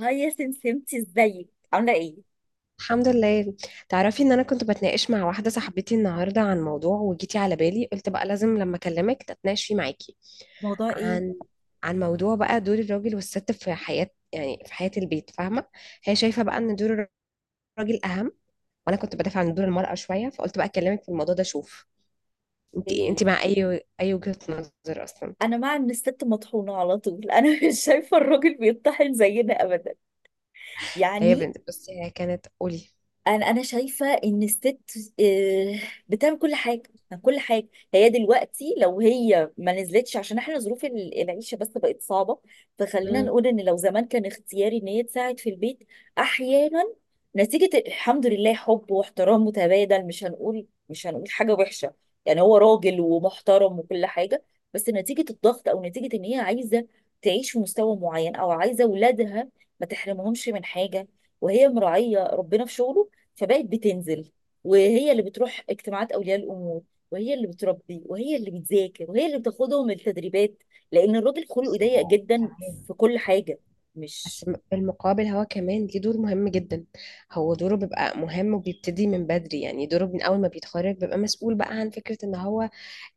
هاي يا سمسمتي، ازيك؟ عامله ايه؟ الحمد لله. تعرفي ان انا كنت بتناقش مع واحده صاحبتي النهارده عن موضوع، وجيتي على بالي، قلت بقى لازم لما اكلمك اتناقش فيه معاكي موضوع ايه؟ عن عن موضوع بقى دور الراجل والست في حياه، يعني في حياه البيت، فاهمه؟ هي شايفه بقى ان دور الراجل اهم، وانا كنت بدافع عن دور المراه شويه، فقلت بقى اكلمك في الموضوع ده. شوف انت ايه، انت ايه؟ مع اي وجهه نظر اصلا؟ انا مع ان الست مطحونه على طول. انا مش شايفه الراجل بيطحن زينا ابدا، هي يعني. بنت، بس هي كانت قولي. انا شايفه ان الست آه، بتعمل كل حاجه، كل حاجه. هي دلوقتي لو هي ما نزلتش، عشان احنا ظروف العيشه بس بقت صعبه. فخلينا مم. نقول ان لو زمان كان اختياري ان هي تساعد في البيت احيانا، نتيجه الحمد لله حب واحترام متبادل، مش هنقول، مش هنقول حاجه وحشه، يعني هو راجل ومحترم وكل حاجه. بس نتيجه الضغط، او نتيجه ان هي عايزه تعيش في مستوى معين، او عايزه اولادها ما تحرمهمش من حاجه، وهي مراعيه ربنا في شغله، فبقت بتنزل، وهي اللي بتروح اجتماعات اولياء الامور، وهي اللي بتربي، وهي اللي بتذاكر، وهي اللي بتاخدهم التدريبات، لان الراجل خلقه بصي، ضيق هو جدا تمام، في كل حاجه. مش بس بالمقابل هو كمان ليه دور مهم جدا. هو دوره بيبقى مهم وبيبتدي من بدري، يعني دوره من أول ما بيتخرج بيبقى مسؤول بقى عن فكرة إن هو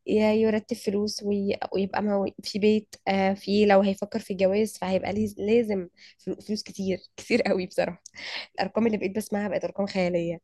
ي- يرتب فلوس ويبقى في بيت، آه، في، لو هيفكر في جواز فهيبقى لازم فلوس كتير كتير قوي بصراحة. الأرقام اللي بقيت بسمعها بقت أرقام خيالية.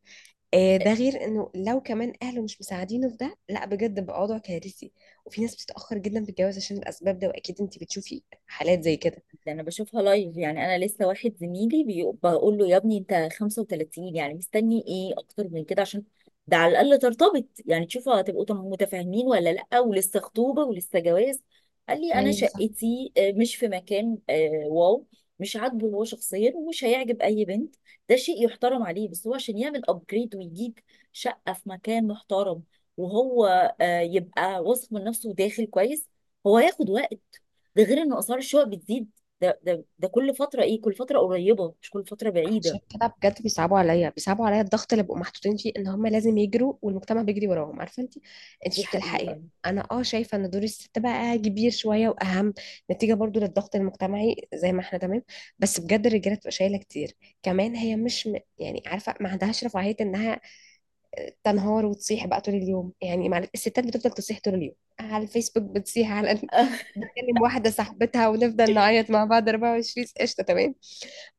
آه، ده غير إنه لو كمان أهله مش مساعدينه في ده، لا بجد بقى وضع كارثي. وفي ناس بتتأخر جدا في الجواز عشان الأسباب ده، وأكيد أنت بتشوفي حالات زي كده. ده انا بشوفها لايف. يعني انا لسه واحد زميلي بقول له: يا ابني، انت 35، يعني مستني ايه اكتر من كده؟ عشان ده على الاقل ترتبط، يعني تشوفوا هتبقوا متفاهمين ولا لا، ولسه خطوبه ولسه جواز. قال لي: انا ايوه. شقتي مش في مكان، واو، مش عاجبه هو شخصيا ومش هيعجب اي بنت. ده شيء يحترم عليه، بس هو عشان يعمل ابجريد ويجيب شقه في مكان محترم، وهو يبقى واثق من نفسه وداخل كويس، هو هياخد وقت. ده غير ان اسعار الشقق بتزيد، ده كل فترة. ايه؟ كل فترة قريبة، مش كل فترة عشان بعيدة. كده بجد بيصعبوا عليا الضغط اللي بيبقوا محطوطين فيه ان هم لازم يجروا والمجتمع بيجري وراهم، عارفه انت، انت دي مش بتلحقي. حقيقة. انا اه شايفه ان دور الست بقى كبير شويه واهم، نتيجه برضو للضغط المجتمعي، زي ما احنا، تمام. بس بجد الرجاله بتبقى شايله كتير كمان. هي مش م... يعني عارفه، ما عندهاش رفاهيه انها تنهار وتصيح بقى طول اليوم. يعني مع الستات بتفضل تصيح طول اليوم على الفيسبوك، بتصيح على بتكلم واحده صاحبتها ونفضل نعيط مع بعض 24 قشطه، تمام.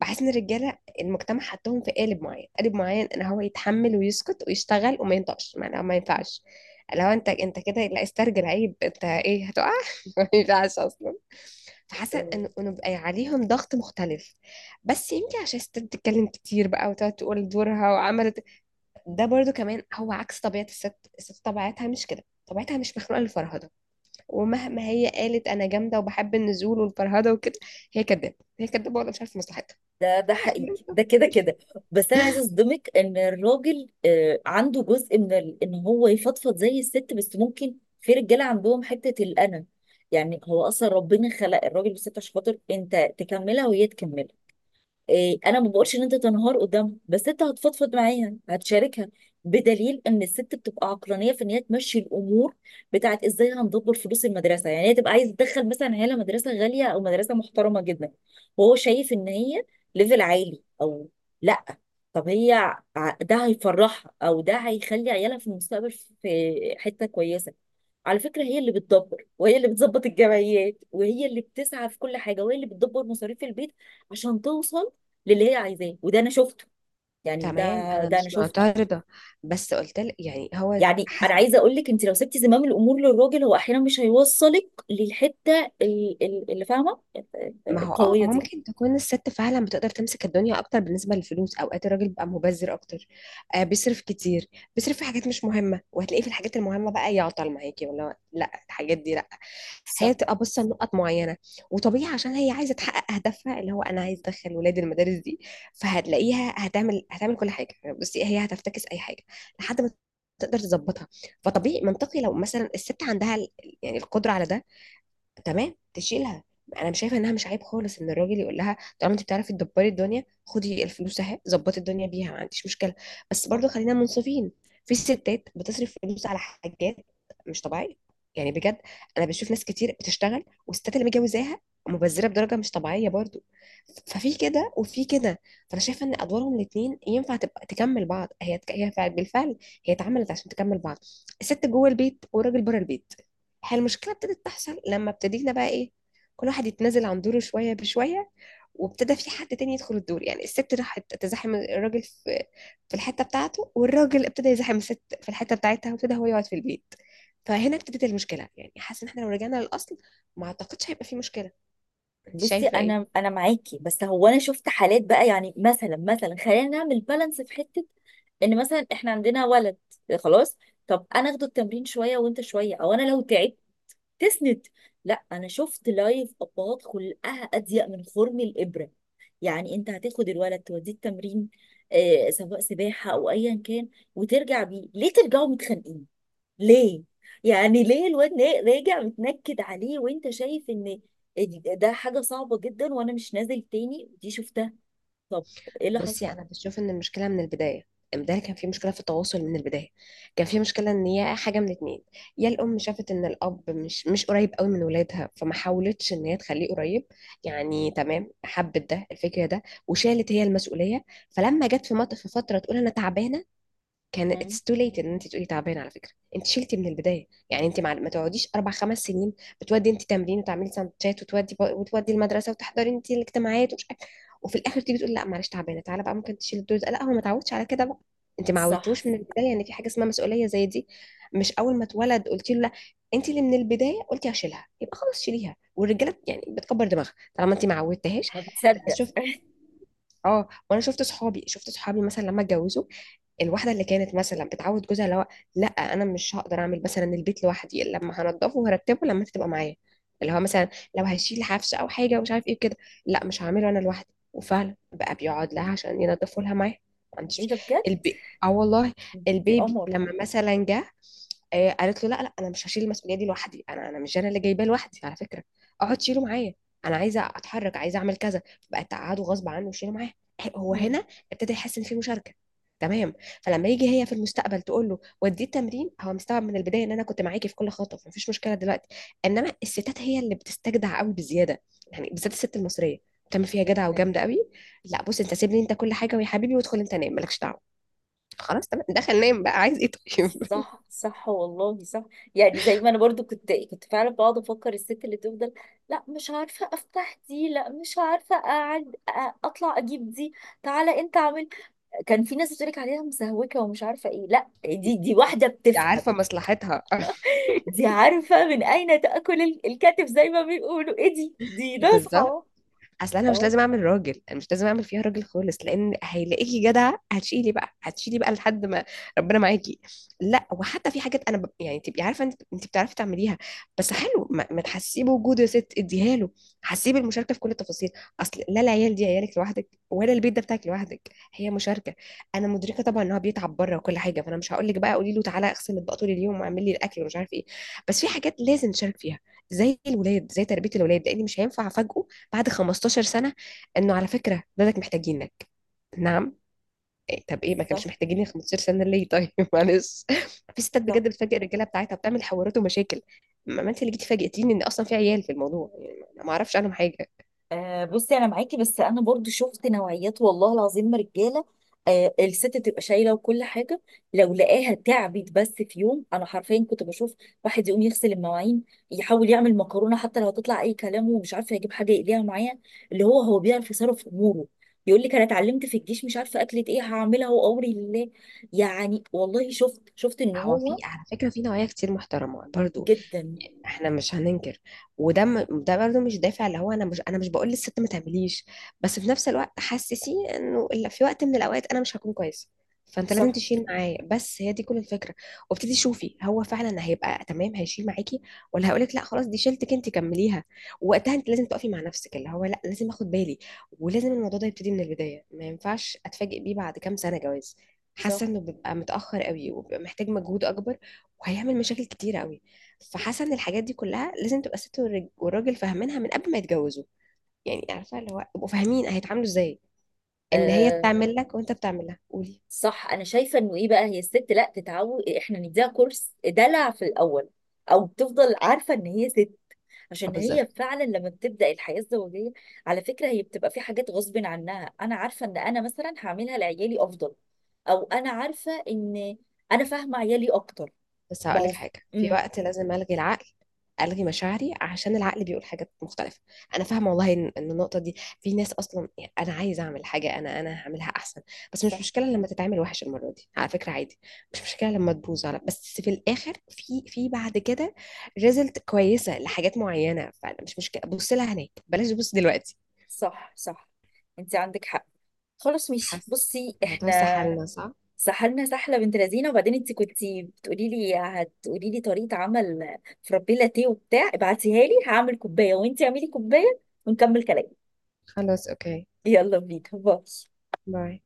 بحس ان الرجاله المجتمع حطهم في قالب معين، قالب معين، ان هو يتحمل ويسكت ويشتغل وما ينطقش. ما ينفعش لو انت كده. لا، استرجل، عيب، انت ايه، هتقع. ما ينفعش اصلا. فحاسه ان إنه بقى عليهم ضغط مختلف، بس يمكن عشان الست بتتكلم كتير بقى وتقعد تقول دورها وعملت. ده برضو كمان هو عكس طبيعه الست. الست طبيعتها مش كده، طبيعتها مش مخلوقه للفرهده. ومهما هي قالت انا جامده وبحب النزول والفرهده وكده، هي كدابه، هي كدابه، ولا مش عارفه مصلحتها. ده حقيقي، ده كده كده. بس انا عايزه اصدمك ان الراجل عنده جزء من ان هو يفضفض زي الست، بس ممكن في رجاله عندهم حته الانا. يعني هو اصلا ربنا خلق الراجل والست عشان خاطر انت تكملها وهي تكملها. انا ما بقولش ان انت تنهار قدامها، بس انت هتفضفض معاها، هتشاركها. بدليل ان الست بتبقى عقلانيه في ان هي تمشي الامور بتاعت ازاي هندبر فلوس المدرسه، يعني هي تبقى عايزه تدخل مثلا عيالها مدرسه غاليه او مدرسه محترمه جدا، وهو شايف ان هي ليفل عالي، او لا. طب هي ده هيفرحها، او ده هيخلي عيالها في المستقبل في حته كويسه. على فكرة هي اللي بتدبر، وهي اللي بتظبط الجمعيات، وهي اللي بتسعى في كل حاجة، وهي اللي بتدبر مصاريف البيت عشان توصل للي هي عايزاه. وده انا شفته، يعني ده، تمام، انا ده انا مش شفته. معترضه، بس قلت لك يعني هو يعني انا حسب. عايزه اقول لك، انت لو سبتي زمام الامور للراجل، هو احيانا مش هيوصلك للحته، اللي فاهمه. ما هو اه القويه دي. ممكن تكون الست فعلا بتقدر تمسك الدنيا اكتر بالنسبه للفلوس، اوقات الراجل بيبقى مبذر اكتر. آه بيصرف كتير، بيصرف في حاجات مش مهمه، وهتلاقيه في الحاجات المهمه بقى يعطل معاكي ولا لا، الحاجات دي لا. صح، هي تبقى باصه لنقط معينه، وطبيعي عشان هي عايزه تحقق هدفها اللي هو انا عايز ادخل ولادي المدارس دي. فهتلاقيها هتعمل كل حاجه. بصي هي هتفتكس اي حاجه لحد ما تقدر تظبطها. فطبيعي منطقي لو مثلا الست عندها يعني القدره على ده، تمام، تشيلها. انا مش شايفه انها مش عيب خالص ان الراجل يقول لها طالما انت بتعرفي تدبري الدنيا، خدي الفلوس اهي، ظبطي الدنيا بيها، ما عنديش مشكله. بس صح. برضو خلينا منصفين، في ستات بتصرف فلوس على حاجات مش طبيعيه، يعني بجد. انا بشوف ناس كتير بتشتغل والستات اللي متجوزاها مبذره بدرجه مش طبيعيه برضو. ففي كده وفي كده. فانا شايفه ان ادوارهم الاثنين ينفع تبقى تكمل بعض. بالفعل هي اتعملت عشان تكمل بعض. الست جوه البيت والراجل بره البيت. هي المشكله ابتدت تحصل لما ابتدينا بقى ايه، كل واحد يتنازل عن دوره شويه بشويه، وابتدى في حد تاني يدخل الدور. يعني الست راحت تزاحم الراجل في الحته بتاعته، والراجل ابتدى يزاحم الست في الحته بتاعتها، وابتدى هو يقعد في البيت. فهنا ابتدت المشكله. يعني حاسه ان احنا لو رجعنا للاصل ما اعتقدش هيبقى في مشكله. انت بصي، شايفه ايه؟ انا معاكي، بس هو انا شفت حالات بقى، يعني مثلا، مثلا خلينا نعمل بالانس في حته. ان مثلا احنا عندنا ولد، خلاص، طب انا اخده التمرين شويه وانت شويه، او انا لو تعبت تسند. لا، انا شفت لايف ابهات خلقها اضيق من خرم الابره. يعني انت هتاخد الولد توديه التمرين، آه، سواء سباحه او ايا كان، وترجع بيه ليه ترجعوا متخانقين؟ ليه؟ يعني ليه الواد راجع متنكد عليه، وانت شايف ان ده حاجه صعبه جدا وانا مش نازل تاني؟ دي شفتها. طب ايه اللي حصل؟ بصي انا بشوف ان المشكله من البدايه. امبارح كان في مشكله في التواصل من البدايه. كان في مشكله ان هي حاجه من اتنين، يا الام شافت ان الاب مش قريب قوي من ولادها، فما حاولتش ان هي تخليه قريب. يعني تمام، حبت ده الفكره ده، وشالت هي المسؤوليه. فلما جت في في فتره تقول انا تعبانه، كان مم. اتس تو ليت ان انت تقولي تعبانه. على فكره انت شلتي من البدايه، يعني انت ما تقعديش اربع خمس سنين بتودي انت تمرين وتعملي سندوتشات وتودي وتودي المدرسه وتحضري انت الاجتماعات ومش وفي الاخر تيجي تقول لا معلش تعبانه، تعالى بقى ممكن تشيل الدور ده. لا هو ما تعودش على كده بقى. انت ما صح. عودتوش من البدايه ان في حاجه اسمها مسؤوليه زي دي. مش اول ما اتولد قلت له لا. انت اللي من البدايه قلتي هشيلها، يبقى خلاص شيليها. والرجاله يعني بتكبر دماغها طالما انت ما عودتهاش. انا هتصدق؟ شفت، اه وانا شفت صحابي مثلا لما اتجوزوا الواحده اللي كانت مثلا بتعود جوزها، اللي هو لا انا مش هقدر اعمل مثلا البيت لوحدي، لما هنضفه وهرتبه لما انت تبقى معايا. اللي هو مثلا لو هيشيل حفشه او حاجه ومش عارف ايه كده، لا مش هعمله انا لوحدي. وفعلا بقى بيقعد لها عشان ينضفوا لها معاه ما عنديش. ايه ده بجد؟ اه والله دي البيبي قمر. لما مثلا جه، آه، قالت له لا لا انا مش هشيل المسؤوليه دي لوحدي. انا مش انا اللي جايباه لوحدي على فكره، اقعد شيله معايا، انا عايزه اتحرك، عايزه اعمل كذا. بقت تقعده غصب عنه وشيله معاه، آه، هو مم. هنا ابتدى يحس ان في مشاركه. تمام. فلما يجي هي في المستقبل تقول له وديه التمرين، هو مستوعب من البدايه ان انا كنت معاكي في كل خطوه مفيش مشكله دلوقتي. انما الستات هي اللي بتستجدع قوي بزياده، يعني بالذات الست المصريه، بتعمل فيها جدع جدا. وجامده قوي. لا بص انت سيبني انت كل حاجه، ويا حبيبي وادخل انت نام، مالكش دعوه. خلاص تمام، دخل نام بقى، عايز ايه؟ طيب. صح، صح، والله صح. يعني زي ما انا برضو كنت فعلا بقعد افكر الست اللي تفضل: لا مش عارفه افتح دي، لا مش عارفه اقعد، اطلع اجيب دي، تعالى انت اعمل، كان في ناس بتقولك عليها مسهوكه ومش عارفه ايه، لا، دي، دي واحده عارفة بتفهم، مصلحتها. دي عارفه من اين تاكل الكتف زي ما بيقولوا. ايه؟ دي، دي بالضبط. ناصحه. اصل انا مش اه، لازم اعمل راجل، انا مش لازم اعمل فيها راجل خالص، لان هيلاقيكي جدعه هتشيلي بقى هتشيلي بقى لحد ما ربنا معاكي. لا وحتى في حاجات، انا يعني تبقي عارفه انت، انت بتعرفي تعمليها، بس حلو ما تحسيه بوجوده، يا ست اديها له، حسيه بالمشاركه في كل التفاصيل. اصل لا العيال دي عيالك لوحدك، ولا البيت ده بتاعك لوحدك. هي مشاركه. انا مدركه طبعا ان هو بيتعب بره وكل حاجه، فانا مش هقول لك بقى قولي له تعالى اغسل اطباق طول اليوم واعمل لي الاكل ومش عارف ايه. بس في حاجات لازم نشارك فيها، زي الولاد، زي تربيه الولاد. لان مش هينفع افاجئه بعد 15 سنة انه على فكرة ولادك محتاجينك. نعم؟ إيه؟ طب ايه ما صح، كانش محتاجيني 15 سنة ليه؟ طيب. معلش. في ستات صح. بجد بتفاجئ الرجالة بتاعتها وبتعمل حوارات ومشاكل. ما انت اللي جيتي فاجئتيني ان اصلا في عيال في الموضوع، يعني ما اعرفش عنهم حاجة. آه، بصي انا معاكي، بس انا برضو شفت نوعيات، والله العظيم، رجاله، آه، الست تبقى شايله وكل حاجه، لو لقاها تعبت بس في يوم، انا حرفيا كنت بشوف واحد يقوم يغسل المواعين، يحاول يعمل مكرونه حتى لو هتطلع اي كلام، ومش عارفه يجيب حاجه يقليها معايا، اللي هو هو بيعرف يصرف اموره، يقول لك انا اتعلمت في الجيش مش عارفه اكله ايه هعملها وامري لله. يعني والله شفت ان هو في هو على فكرة في نوايا كتير محترمة برضو، جدا. احنا مش هننكر. وده ده برضو مش دافع، اللي هو انا مش بقول للست ما تعمليش، بس في نفس الوقت حسسيه انه إلا في وقت من الاوقات انا مش هكون كويسة، فانت لازم صح، تشيل معايا. بس هي دي كل الفكرة. وابتدي شوفي هو فعلا هيبقى تمام هيشيل معاكي، ولا هقولك لا خلاص دي شيلتك انت كمليها. ووقتها انت لازم تقفي مع نفسك اللي هو لا لازم اخد بالي، ولازم الموضوع ده يبتدي من البداية. ما ينفعش اتفاجئ بيه بعد كام سنة جواز. صح، حاسه انه بيبقى متاخر قوي وبيبقى محتاج مجهود اكبر، وهيعمل مشاكل كتيره قوي. فحاسه ان الحاجات دي كلها لازم تبقى الست والراجل فاهمينها من قبل ما يتجوزوا. يعني عارفه اللي هو يبقوا فاهمين هيتعاملوا ازاي ان هي آه، بتعمل لك وانت بتعمل لها، قولي. صح. انا شايفه انه ايه بقى، هي الست لا تتعود، احنا نديها كورس دلع في الاول، او تفضل عارفه ان هي ست، اه عشان هي بالظبط. فعلا لما بتبدا الحياه الزوجيه، على فكره، هي بتبقى في حاجات غصب عنها. انا عارفه ان انا مثلا هعملها لعيالي افضل، او انا عارفه ان انا فاهمه عيالي اكتر. بس ما هقولك هو، حاجة، في امم وقت لازم ألغي العقل، ألغي مشاعري، عشان العقل بيقول حاجات مختلفة. أنا فاهمة والله إن النقطة دي في ناس أصلا، يعني أنا عايزة أعمل حاجة، أنا هعملها أحسن. بس مش صح، مشكلة لما تتعمل وحش المرة دي على فكرة، عادي. مش مشكلة لما تبوظ على، بس في الآخر في بعد كده ريزلت كويسة لحاجات معينة، فأنا مش مشكلة، بص لها هناك بلاش تبص دلوقتي. صح، صح، انت عندك حق. خلاص، ماشي. حاسة بصي، الموضوع احنا سحلنا، صح؟ سحلنا، سحله بنت لذينه. وبعدين انت كنتي بتقولي لي، هتقولي لي طريقه عمل فرابي لاتيه وبتاع، ابعتيها لي هعمل كوبايه وانت اعملي كوبايه، ونكمل كلام. خلاص أوكي. يلا بينا، باي. باي.